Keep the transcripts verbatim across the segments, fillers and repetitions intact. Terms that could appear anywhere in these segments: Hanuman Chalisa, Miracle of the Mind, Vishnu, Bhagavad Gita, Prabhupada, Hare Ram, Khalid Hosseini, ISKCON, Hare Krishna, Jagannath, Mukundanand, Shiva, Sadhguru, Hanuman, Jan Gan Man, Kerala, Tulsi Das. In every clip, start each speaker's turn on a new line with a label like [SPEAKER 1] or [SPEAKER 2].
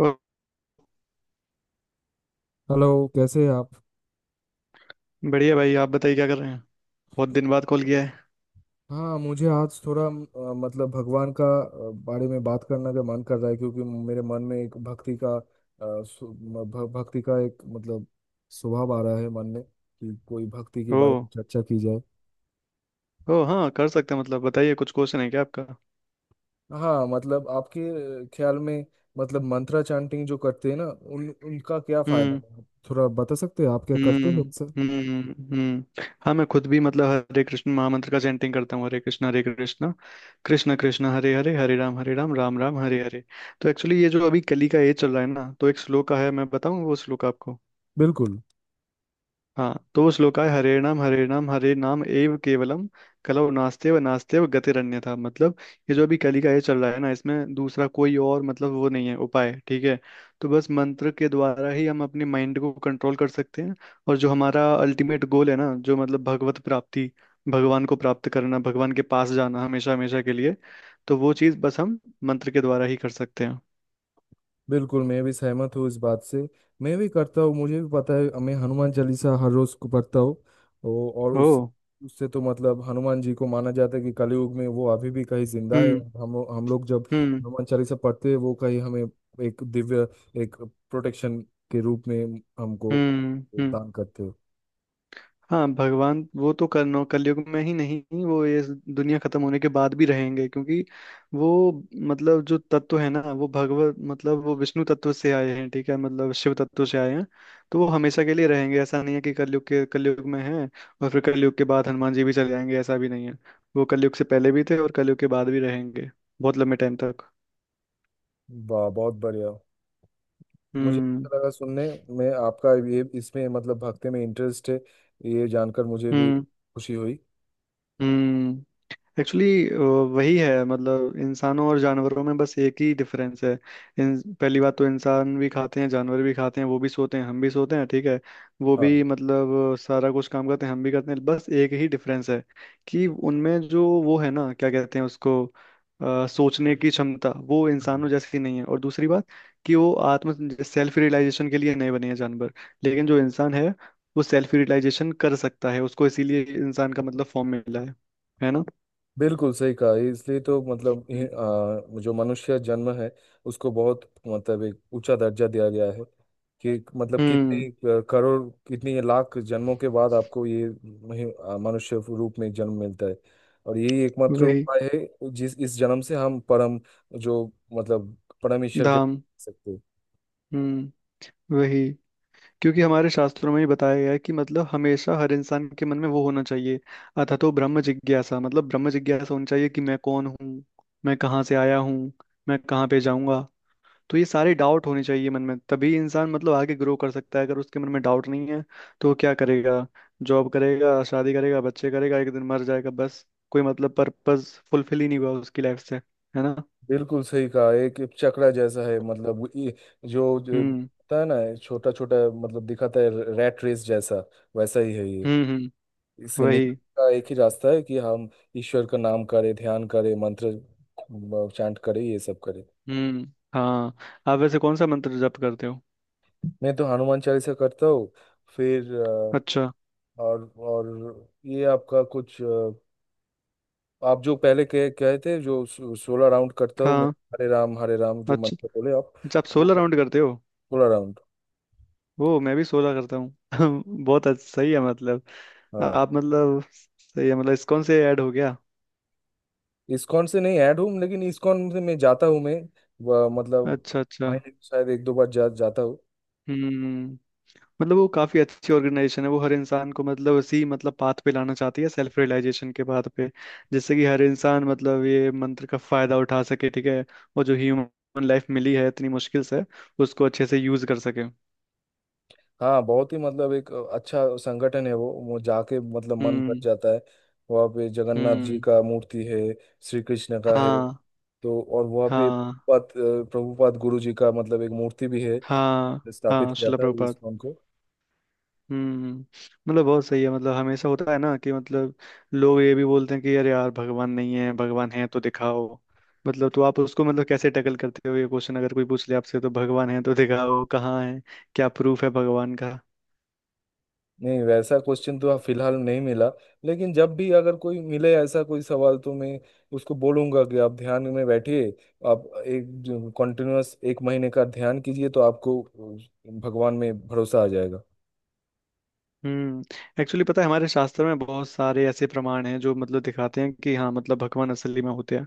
[SPEAKER 1] ओ!
[SPEAKER 2] Hello. कैसे हैं आप?
[SPEAKER 1] बढ़िया भाई, आप बताइए क्या कर रहे हैं। बहुत दिन बाद कॉल किया है।
[SPEAKER 2] हाँ, मुझे आज थोड़ा अ, मतलब भगवान का अ, बारे में बात करने का मन कर रहा है, क्योंकि मेरे मन में एक भक्ति का अ, सु- म- भ- भक्ति का एक मतलब स्वभाव आ रहा है मन में कि कोई भक्ति के
[SPEAKER 1] ओ,
[SPEAKER 2] बारे में चर्चा की जाए।
[SPEAKER 1] ओ, हाँ कर सकते हैं। मतलब बताइए, कुछ क्वेश्चन है क्या आपका।
[SPEAKER 2] हाँ, मतलब आपके ख्याल में मतलब मंत्रा चैंटिंग जो करते हैं ना, उन उनका क्या फायदा
[SPEAKER 1] हम्म,
[SPEAKER 2] है? थोड़ा बता सकते हैं आप क्या करते
[SPEAKER 1] हम्म,
[SPEAKER 2] हो सर?
[SPEAKER 1] हम्म, हम्म, हाँ, मैं खुद भी मतलब हरे कृष्ण महामंत्र का चैंटिंग करता हूँ। हरे कृष्ण हरे कृष्ण कृष्ण कृष्ण हरे हरे, हरे राम हरे राम राम राम हरे हरे। तो एक्चुअली ये जो अभी कली का एज चल रहा है ना, तो एक श्लोक है, मैं बताऊँ वो श्लोक आपको।
[SPEAKER 2] बिल्कुल।
[SPEAKER 1] हाँ, तो श्लोकाय हरे नाम हरे नाम हरे नाम एव केवलम, कलौ नास्तेव नास्तेव गतिरन्यथा। मतलब ये जो अभी कली का ये चल रहा है ना, इसमें दूसरा कोई और मतलब वो नहीं है उपाय, ठीक है। तो बस मंत्र के द्वारा ही हम अपने माइंड को कंट्रोल कर सकते हैं। और जो हमारा अल्टीमेट गोल है ना, जो मतलब भगवत प्राप्ति, भगवान को प्राप्त करना, भगवान के पास जाना हमेशा हमेशा के लिए, तो वो चीज़ बस हम मंत्र के द्वारा ही कर सकते हैं।
[SPEAKER 2] बिल्कुल, मैं भी सहमत हूँ इस बात से। मैं भी करता हूँ, मुझे भी पता है। मैं हनुमान चालीसा हर रोज को पढ़ता हूँ। ओ- और
[SPEAKER 1] ओ,
[SPEAKER 2] उस उससे तो मतलब हनुमान जी को माना जाता है कि कलयुग में वो अभी भी कहीं जिंदा है।
[SPEAKER 1] हम्म,
[SPEAKER 2] हम हम लोग जब
[SPEAKER 1] हम्म,
[SPEAKER 2] हनुमान चालीसा पढ़ते हैं वो कहीं हमें एक दिव्य, एक प्रोटेक्शन के रूप में हमको
[SPEAKER 1] हम्म, हम्म,
[SPEAKER 2] दान करते हैं।
[SPEAKER 1] हाँ, भगवान वो तो करनो कलयुग में ही नहीं, वो ये दुनिया खत्म होने के बाद भी रहेंगे, क्योंकि वो मतलब जो तत्व है ना, वो भगवत मतलब वो विष्णु तत्व से आए हैं, ठीक है, मतलब शिव तत्व से आए हैं। तो वो हमेशा के लिए रहेंगे, ऐसा नहीं है कि कलयुग के कलयुग में है और फिर कलयुग के बाद हनुमान जी भी चले जाएंगे, ऐसा भी नहीं है। वो कलयुग से पहले भी थे, और कलयुग के बाद भी रहेंगे, बहुत लंबे टाइम तक।
[SPEAKER 2] वाह, बहुत बढ़िया। मुझे
[SPEAKER 1] हम्म,
[SPEAKER 2] अच्छा लगा सुनने में आपका ये, इसमें मतलब भक्ति में इंटरेस्ट है, ये जानकर मुझे भी
[SPEAKER 1] हम्म,
[SPEAKER 2] खुशी हुई।
[SPEAKER 1] हम्म, एक्चुअली वही है, मतलब इंसानों और जानवरों में बस एक ही डिफरेंस है। इन, पहली बात तो इंसान भी खाते हैं, जानवर भी खाते हैं, वो भी सोते हैं, हम भी सोते हैं, ठीक है। वो भी मतलब सारा कुछ काम करते हैं, हम भी करते हैं, बस एक ही डिफरेंस है कि उनमें जो वो है ना, क्या कहते हैं उसको, अ, सोचने की क्षमता वो
[SPEAKER 2] हाँ,
[SPEAKER 1] इंसानों जैसी नहीं है। और दूसरी बात कि वो आत्म सेल्फ रियलाइजेशन के लिए नहीं बने हैं जानवर। लेकिन जो इंसान है, वो सेल्फ रियलाइजेशन कर सकता है, उसको इसीलिए इंसान का मतलब फॉर्म मिला है है ना।
[SPEAKER 2] बिल्कुल सही कहा। ये इसलिए तो मतलब ये, आ, जो मनुष्य जन्म है, उसको बहुत मतलब एक ऊंचा दर्जा दिया गया है कि मतलब कितने
[SPEAKER 1] हम्म,
[SPEAKER 2] अ, करोड़, कितने लाख जन्मों के बाद आपको ये महि- आ, मनुष्य रूप में जन्म मिलता है। और यही एकमात्र
[SPEAKER 1] वही,
[SPEAKER 2] उपाय है जिस इस जन्म से हम परम, जो मतलब परम ईश्वर के पास
[SPEAKER 1] धाम,
[SPEAKER 2] जा सकते हैं।
[SPEAKER 1] हम्म, वही, क्योंकि हमारे शास्त्रों में ही बताया गया है कि मतलब हमेशा हर इंसान के मन में वो होना चाहिए, अथा तो ब्रह्म जिज्ञासा, मतलब ब्रह्म जिज्ञासा होनी चाहिए कि मैं कौन हूँ, मैं कहाँ से आया हूँ, मैं कहाँ पे जाऊंगा। तो ये सारे डाउट होने चाहिए मन में, तभी इंसान मतलब आगे ग्रो कर सकता है। अगर उसके मन में डाउट नहीं है, तो वो क्या करेगा? जॉब करेगा, शादी करेगा, बच्चे करेगा, एक दिन मर जाएगा, बस। कोई मतलब पर्पस फुलफिल ही नहीं हुआ उसकी लाइफ से, है ना।
[SPEAKER 2] बिल्कुल सही कहा। एक एक चक्रा जैसा है, मतलब वो ये जो, जो
[SPEAKER 1] हम्म,
[SPEAKER 2] होता है ना, छोटा छोटा, मतलब दिखाता है रैट रेस जैसा, वैसा ही है ये।
[SPEAKER 1] हम्म, हम्म,
[SPEAKER 2] इससे निकलने
[SPEAKER 1] वही,
[SPEAKER 2] का एक ही रास्ता है कि हम ईश्वर का नाम करें, ध्यान करें, मंत्र चांट करें, ये सब करें।
[SPEAKER 1] हम्म, हाँ, आप वैसे कौन सा मंत्र जप करते हो?
[SPEAKER 2] मैं तो हनुमान चालीसा करता हूँ। फिर अ,
[SPEAKER 1] अच्छा,
[SPEAKER 2] और और ये आपका कुछ अ, आप जो पहले कह कहे थे, जो सोलह राउंड करता हूँ मैं
[SPEAKER 1] हाँ,
[SPEAKER 2] हरे राम हरे राम, जो
[SPEAKER 1] अच्छा,
[SPEAKER 2] मंत्र बोले आप।
[SPEAKER 1] अच्छा, आप
[SPEAKER 2] वो
[SPEAKER 1] सोलह
[SPEAKER 2] कर,
[SPEAKER 1] राउंड करते हो?
[SPEAKER 2] सोलह राउंड।
[SPEAKER 1] वो मैं भी सोलह करता हूँ। बहुत अच्छा, सही है मतलब।
[SPEAKER 2] हाँ,
[SPEAKER 1] आप मतलब सही है, मतलब इस्कॉन से ऐड हो गया।
[SPEAKER 2] इस्कॉन से नहीं ऐड हूँ, लेकिन इस्कॉन से मैं जाता हूँ। मैं वह मतलब
[SPEAKER 1] अच्छा, अच्छा,
[SPEAKER 2] महीने में शायद एक दो बार जा जाता हूँ।
[SPEAKER 1] हम्म, मतलब वो काफी अच्छी ऑर्गेनाइजेशन है, वो हर इंसान को मतलब उसी मतलब पाथ पे लाना चाहती है, सेल्फ रियलाइजेशन के पाथ पे, जिससे कि हर इंसान मतलब ये मंत्र का फायदा उठा सके, ठीक है। और जो ह्यूमन लाइफ मिली है इतनी मुश्किल से, उसको अच्छे से यूज कर सके।
[SPEAKER 2] हाँ, बहुत ही मतलब एक अच्छा संगठन है वो। वो जाके मतलब मन भर
[SPEAKER 1] हम्म,
[SPEAKER 2] जाता है। वहाँ पे जगन्नाथ जी
[SPEAKER 1] हम्म,
[SPEAKER 2] का मूर्ति है, श्री कृष्ण का है।
[SPEAKER 1] हाँ,
[SPEAKER 2] तो और वहाँ पे
[SPEAKER 1] हाँ,
[SPEAKER 2] प्रभुपाद प्रभुपाद गुरु जी का मतलब एक मूर्ति भी है।
[SPEAKER 1] हाँ,
[SPEAKER 2] स्थापित
[SPEAKER 1] हाँ,
[SPEAKER 2] किया
[SPEAKER 1] शिला
[SPEAKER 2] था
[SPEAKER 1] प्रभुपाद।
[SPEAKER 2] इस्कॉन को।
[SPEAKER 1] हम्म, मतलब बहुत सही है, मतलब हमेशा होता है ना कि मतलब लोग ये भी बोलते हैं कि यार, यार भगवान नहीं है, भगवान है तो दिखाओ। मतलब तो आप उसको मतलब कैसे टैकल करते हो ये क्वेश्चन, अगर कोई पूछ ले आपसे तो भगवान है तो दिखाओ, कहाँ है, क्या प्रूफ है भगवान का?
[SPEAKER 2] नहीं, वैसा क्वेश्चन तो फिलहाल नहीं मिला, लेकिन जब भी अगर कोई मिले ऐसा कोई सवाल, तो मैं उसको बोलूंगा कि आप ध्यान में बैठिए, आप एक कंटिन्यूअस एक महीने का ध्यान कीजिए, तो आपको अ, भगवान में भरोसा आ जाएगा।
[SPEAKER 1] हम्म, एक्चुअली पता है हमारे शास्त्र में बहुत सारे ऐसे प्रमाण हैं जो मतलब दिखाते हैं कि हाँ मतलब भगवान असली में होते हैं।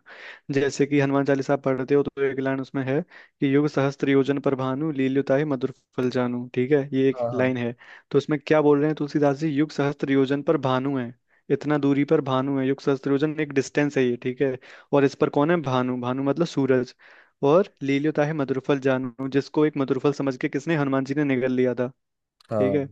[SPEAKER 1] जैसे कि हनुमान चालीसा पढ़ते हो तो एक लाइन उसमें है कि युग सहस्त्र योजन पर भानु, लील्युताय मधुर फल जानू, ठीक है, ये एक
[SPEAKER 2] हाँ। हाँ।
[SPEAKER 1] लाइन है। तो उसमें क्या बोल रहे हैं तुलसीदास जी, युग सहस्त्र योजन पर भानु है। इतना दूरी पर भानु है, युग सहस्त्र योजन एक डिस्टेंस है ये, ठीक है। और इस पर कौन है, भानु, भानु मतलब सूरज। और लील्युताय मधुर फल जानू, जिसको एक मधुर फल समझ के किसने, हनुमान जी ने निगल लिया था, ठीक
[SPEAKER 2] हाँ,
[SPEAKER 1] है।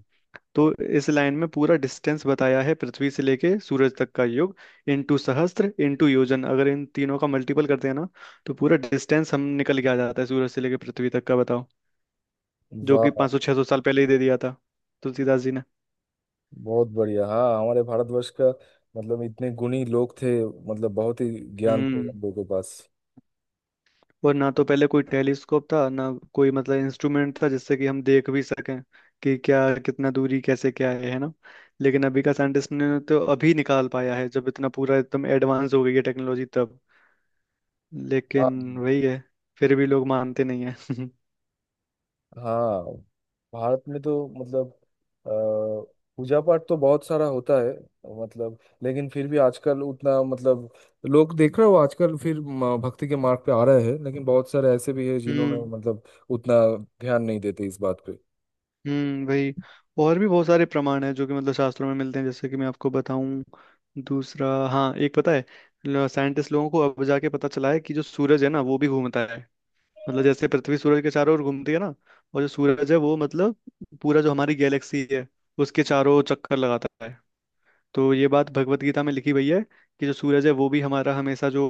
[SPEAKER 1] तो इस लाइन में पूरा डिस्टेंस बताया है पृथ्वी से लेके सूरज तक का। योग इनटू सहस्त्र इनटू योजन, अगर इन तीनों का मल्टीपल करते हैं ना, तो पूरा डिस्टेंस हम निकल के आ जाता है सूरज से लेके पृथ्वी तक का, बताओ। जो कि
[SPEAKER 2] वाह,
[SPEAKER 1] पाँच सौ छह सौ साल पहले ही दे दिया था तुलसीदास जी ने।
[SPEAKER 2] बहुत बढ़िया। हाँ, हमारे भारतवर्ष का मतलब इतने गुणी लोग थे, मतलब बहुत ही ज्ञान थे
[SPEAKER 1] हम्म,
[SPEAKER 2] हम लोगों के पास।
[SPEAKER 1] और ना तो पहले कोई टेलीस्कोप था, ना कोई मतलब इंस्ट्रूमेंट था, जिससे कि हम देख भी सकें कि क्या, कितना दूरी, कैसे, क्या है है ना। लेकिन अभी का साइंटिस्ट ने तो अभी निकाल पाया है, जब इतना पूरा एकदम एडवांस हो गई है टेक्नोलॉजी तब।
[SPEAKER 2] हाँ।
[SPEAKER 1] लेकिन वही है, फिर भी लोग मानते नहीं है।
[SPEAKER 2] हाँ, भारत में तो मतलब अ, पूजा पाठ तो बहुत सारा होता है, मतलब। लेकिन फिर भी आजकल उतना मतलब लोग देख रहे हो, आजकल फिर म- भक्ति के मार्ग पे आ रहे हैं, लेकिन बहुत सारे ऐसे भी है जिन्होंने
[SPEAKER 1] हम्म,
[SPEAKER 2] मतलब उतना ध्यान नहीं देते इस बात पे।
[SPEAKER 1] हम्म, वही, और भी बहुत सारे प्रमाण हैं जो कि मतलब शास्त्रों में मिलते हैं, जैसे कि मैं आपको बताऊं। दूसरा, हाँ, एक पता है, साइंटिस्ट लोगों को अब जाके पता चला है कि जो सूरज है ना वो भी घूमता है। मतलब जैसे पृथ्वी सूरज के चारों ओर घूमती है ना, और जो सूरज है वो मतलब पूरा जो हमारी गैलेक्सी है, उसके चारों चक्कर लगाता है। तो ये बात भगवत गीता में लिखी हुई है कि जो सूरज है वो भी हमारा हमेशा जो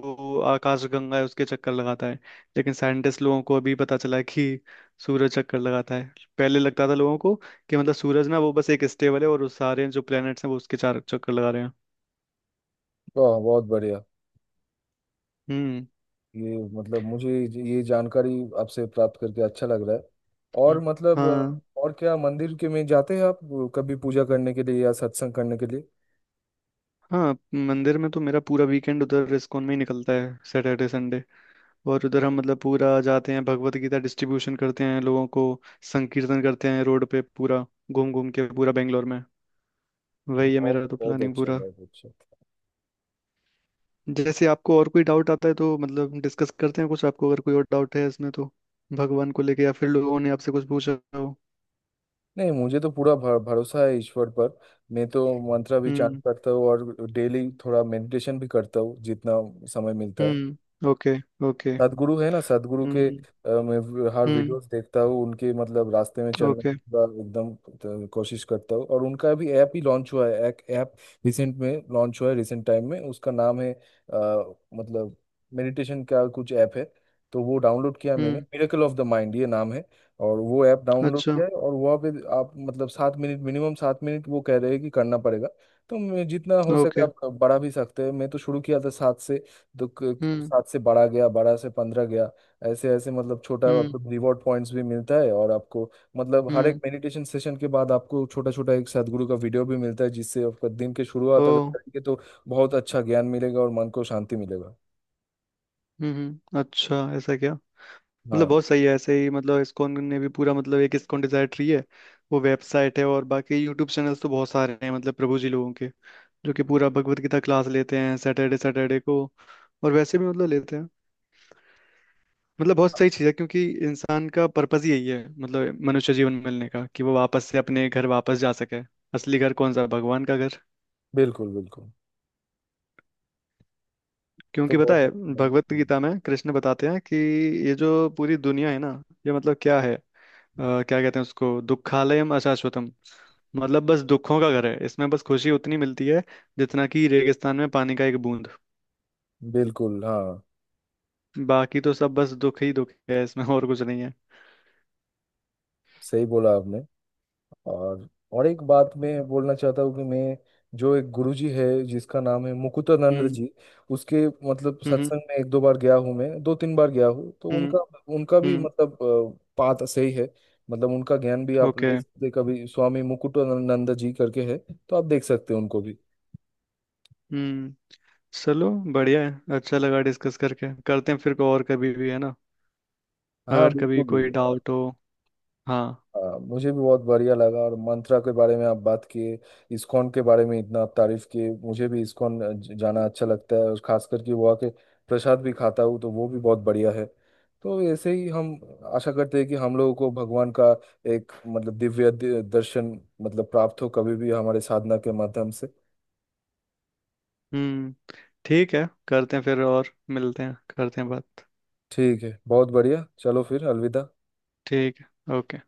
[SPEAKER 1] आकाश गंगा है उसके चक्कर लगाता है। लेकिन साइंटिस्ट लोगों को अभी पता चला है कि सूरज चक्कर लगाता है। पहले लगता था लोगों को कि मतलब सूरज ना वो बस एक स्टेबल है, और उस सारे जो प्लैनेट्स हैं वो उसके चार चक्कर लगा रहे हैं।
[SPEAKER 2] वाह, बहुत बढ़िया।
[SPEAKER 1] हम्म,
[SPEAKER 2] ये मतलब मुझे ये जानकारी आपसे प्राप्त करके अच्छा लग रहा है। और
[SPEAKER 1] हम्म,
[SPEAKER 2] मतलब
[SPEAKER 1] हाँ,
[SPEAKER 2] अ, और क्या मंदिर के में जाते हैं आप कभी पूजा करने के लिए या सत्संग करने के लिए?
[SPEAKER 1] हाँ, मंदिर में तो मेरा पूरा वीकेंड उधर इस्कॉन में ही निकलता है, सैटरडे, संडे। और उधर हम मतलब पूरा जाते हैं, भगवत गीता डिस्ट्रीब्यूशन करते हैं लोगों को, संकीर्तन करते हैं रोड पे पूरा, घूम घूम के पूरा बेंगलोर में। वही है
[SPEAKER 2] बहुत
[SPEAKER 1] मेरा तो
[SPEAKER 2] बहुत
[SPEAKER 1] प्लानिंग
[SPEAKER 2] अच्छा,
[SPEAKER 1] पूरा।
[SPEAKER 2] बहुत अच्छा।
[SPEAKER 1] जैसे आपको और कोई डाउट आता है तो मतलब डिस्कस करते हैं, कुछ आपको अगर कोई और डाउट है इसमें तो, भगवान को लेके, या फिर लोगों ने आपसे कुछ पूछा हो।
[SPEAKER 2] नहीं, मुझे तो पूरा भर, भरोसा है ईश्वर पर। मैं तो मंत्र भी चांट
[SPEAKER 1] हम्म,
[SPEAKER 2] करता हूँ और डेली थोड़ा मेडिटेशन भी करता हूँ, जितना समय मिलता है।
[SPEAKER 1] हम्म, ओके, ओके,
[SPEAKER 2] सदगुरु है ना, सदगुरु के
[SPEAKER 1] हम्म,
[SPEAKER 2] अ, मैं वी- हर
[SPEAKER 1] हम्म,
[SPEAKER 2] वीडियोस देखता हूँ उनके, मतलब रास्ते में चलने
[SPEAKER 1] ओके,
[SPEAKER 2] की पूरा एकदम अ, कोशिश करता हूँ। और उनका भी ऐप ही लॉन्च हुआ है, एक ऐप रिसेंट में लॉन्च हुआ है, रिसेंट टाइम में। उसका नाम है अ, मतलब मेडिटेशन का कुछ ऐप है, तो वो डाउनलोड किया मैंने।
[SPEAKER 1] हम्म,
[SPEAKER 2] मिरेकल ऑफ द माइंड, ये नाम है। और वो ऐप डाउनलोड
[SPEAKER 1] अच्छा,
[SPEAKER 2] किया है, और वहाँ पे आप मतलब सात मिनट, मिनिमम सात मिनट वो कह रहे हैं कि करना पड़ेगा। तो मैं जितना हो सके,
[SPEAKER 1] ओके,
[SPEAKER 2] आप बड़ा भी सकते हैं, मैं तो शुरू किया था सात से। तो क- क-
[SPEAKER 1] हम्म,
[SPEAKER 2] सात से बारह गया, बारह से पंद्रह गया। ऐसे ऐसे मतलब छोटा
[SPEAKER 1] हम्म,
[SPEAKER 2] आपको रिवॉर्ड पॉइंट्स भी मिलता है, और आपको मतलब हर
[SPEAKER 1] हम्म,
[SPEAKER 2] एक मेडिटेशन सेशन के बाद आपको छोटा छोटा एक सदगुरु का वीडियो भी मिलता है, जिससे आपका दिन की
[SPEAKER 1] ओ,
[SPEAKER 2] शुरुआत अगर करेंगे, तो बहुत अच्छा ज्ञान मिलेगा और मन को शांति मिलेगा।
[SPEAKER 1] हम्म, हम्म, अच्छा, ऐसा क्या। मतलब
[SPEAKER 2] हाँ।
[SPEAKER 1] बहुत सही है, ऐसे ही मतलब इस्कॉन ने भी पूरा मतलब एक इस्कॉन डिजायर ट्री है, वो वेबसाइट है। और बाकी यूट्यूब चैनल्स तो बहुत सारे हैं मतलब प्रभु जी लोगों के, जो कि पूरा भगवत गीता क्लास लेते हैं सैटरडे सैटरडे को, और वैसे भी मतलब लेते हैं। मतलब बहुत सही चीज़ है, क्योंकि इंसान का पर्पस ही यही है मतलब मनुष्य जीवन मिलने का, कि वो वापस से अपने घर वापस जा सके। असली घर कौन सा? भगवान का घर।
[SPEAKER 2] बिल्कुल बिल्कुल, तो
[SPEAKER 1] क्योंकि पता
[SPEAKER 2] बहुत
[SPEAKER 1] है
[SPEAKER 2] अच्छा
[SPEAKER 1] भगवत
[SPEAKER 2] लगा।
[SPEAKER 1] गीता में कृष्ण बताते हैं कि ये जो पूरी दुनिया है ना, ये मतलब क्या है, अ, क्या कहते हैं उसको, दुखालयम अशाश्वतम। मतलब बस दुखों का घर है, इसमें बस खुशी उतनी मिलती है जितना कि रेगिस्तान में पानी का एक बूंद।
[SPEAKER 2] बिल्कुल हाँ,
[SPEAKER 1] बाकी तो सब बस दुख ही दुख है इसमें, और कुछ नहीं है।
[SPEAKER 2] सही बोला आपने। और और एक बात मैं बोलना चाहता हूँ कि मैं जो एक गुरुजी है जिसका नाम है मुकुटानंद
[SPEAKER 1] हम्म,
[SPEAKER 2] जी, उसके मतलब
[SPEAKER 1] हम्म,
[SPEAKER 2] सत्संग में एक दो बार गया हूँ, मैं दो तीन बार गया हूँ। तो
[SPEAKER 1] हम्म,
[SPEAKER 2] उनका, उनका भी
[SPEAKER 1] हम्म,
[SPEAKER 2] मतलब बात सही है, मतलब उनका ज्ञान भी आप
[SPEAKER 1] ओके,
[SPEAKER 2] ले सकते हैं। कभी स्वामी मुकुटानंद जी करके है, तो आप देख सकते हैं उनको भी।
[SPEAKER 1] हम्म, चलो बढ़िया है, अच्छा लगा डिस्कस करके। करते हैं फिर को और, कभी भी, है ना,
[SPEAKER 2] हाँ,
[SPEAKER 1] अगर कभी कोई
[SPEAKER 2] बिल्कुल।
[SPEAKER 1] डाउट हो। हाँ,
[SPEAKER 2] हाँ, मुझे भी बहुत बढ़िया लगा, और मंत्रा के बारे में आप बात किए, इस्कॉन के बारे में इतना आप तारीफ किए। मुझे भी इस्कॉन ज- जाना अच्छा लगता है, और खास करके वहाँ के प्रसाद भी खाता हूँ, तो वो भी बहुत बढ़िया है। तो ऐसे ही हम आशा करते हैं कि हम लोगों को भगवान का एक मतलब दिव्य दि- दर्शन मतलब प्राप्त हो, कभी भी हमारे साधना के माध्यम से।
[SPEAKER 1] हम्म, ठीक है, करते हैं फिर और मिलते हैं, करते हैं बात,
[SPEAKER 2] ठीक है, बहुत बढ़िया। चलो फिर, अलविदा।
[SPEAKER 1] ठीक है, ओके।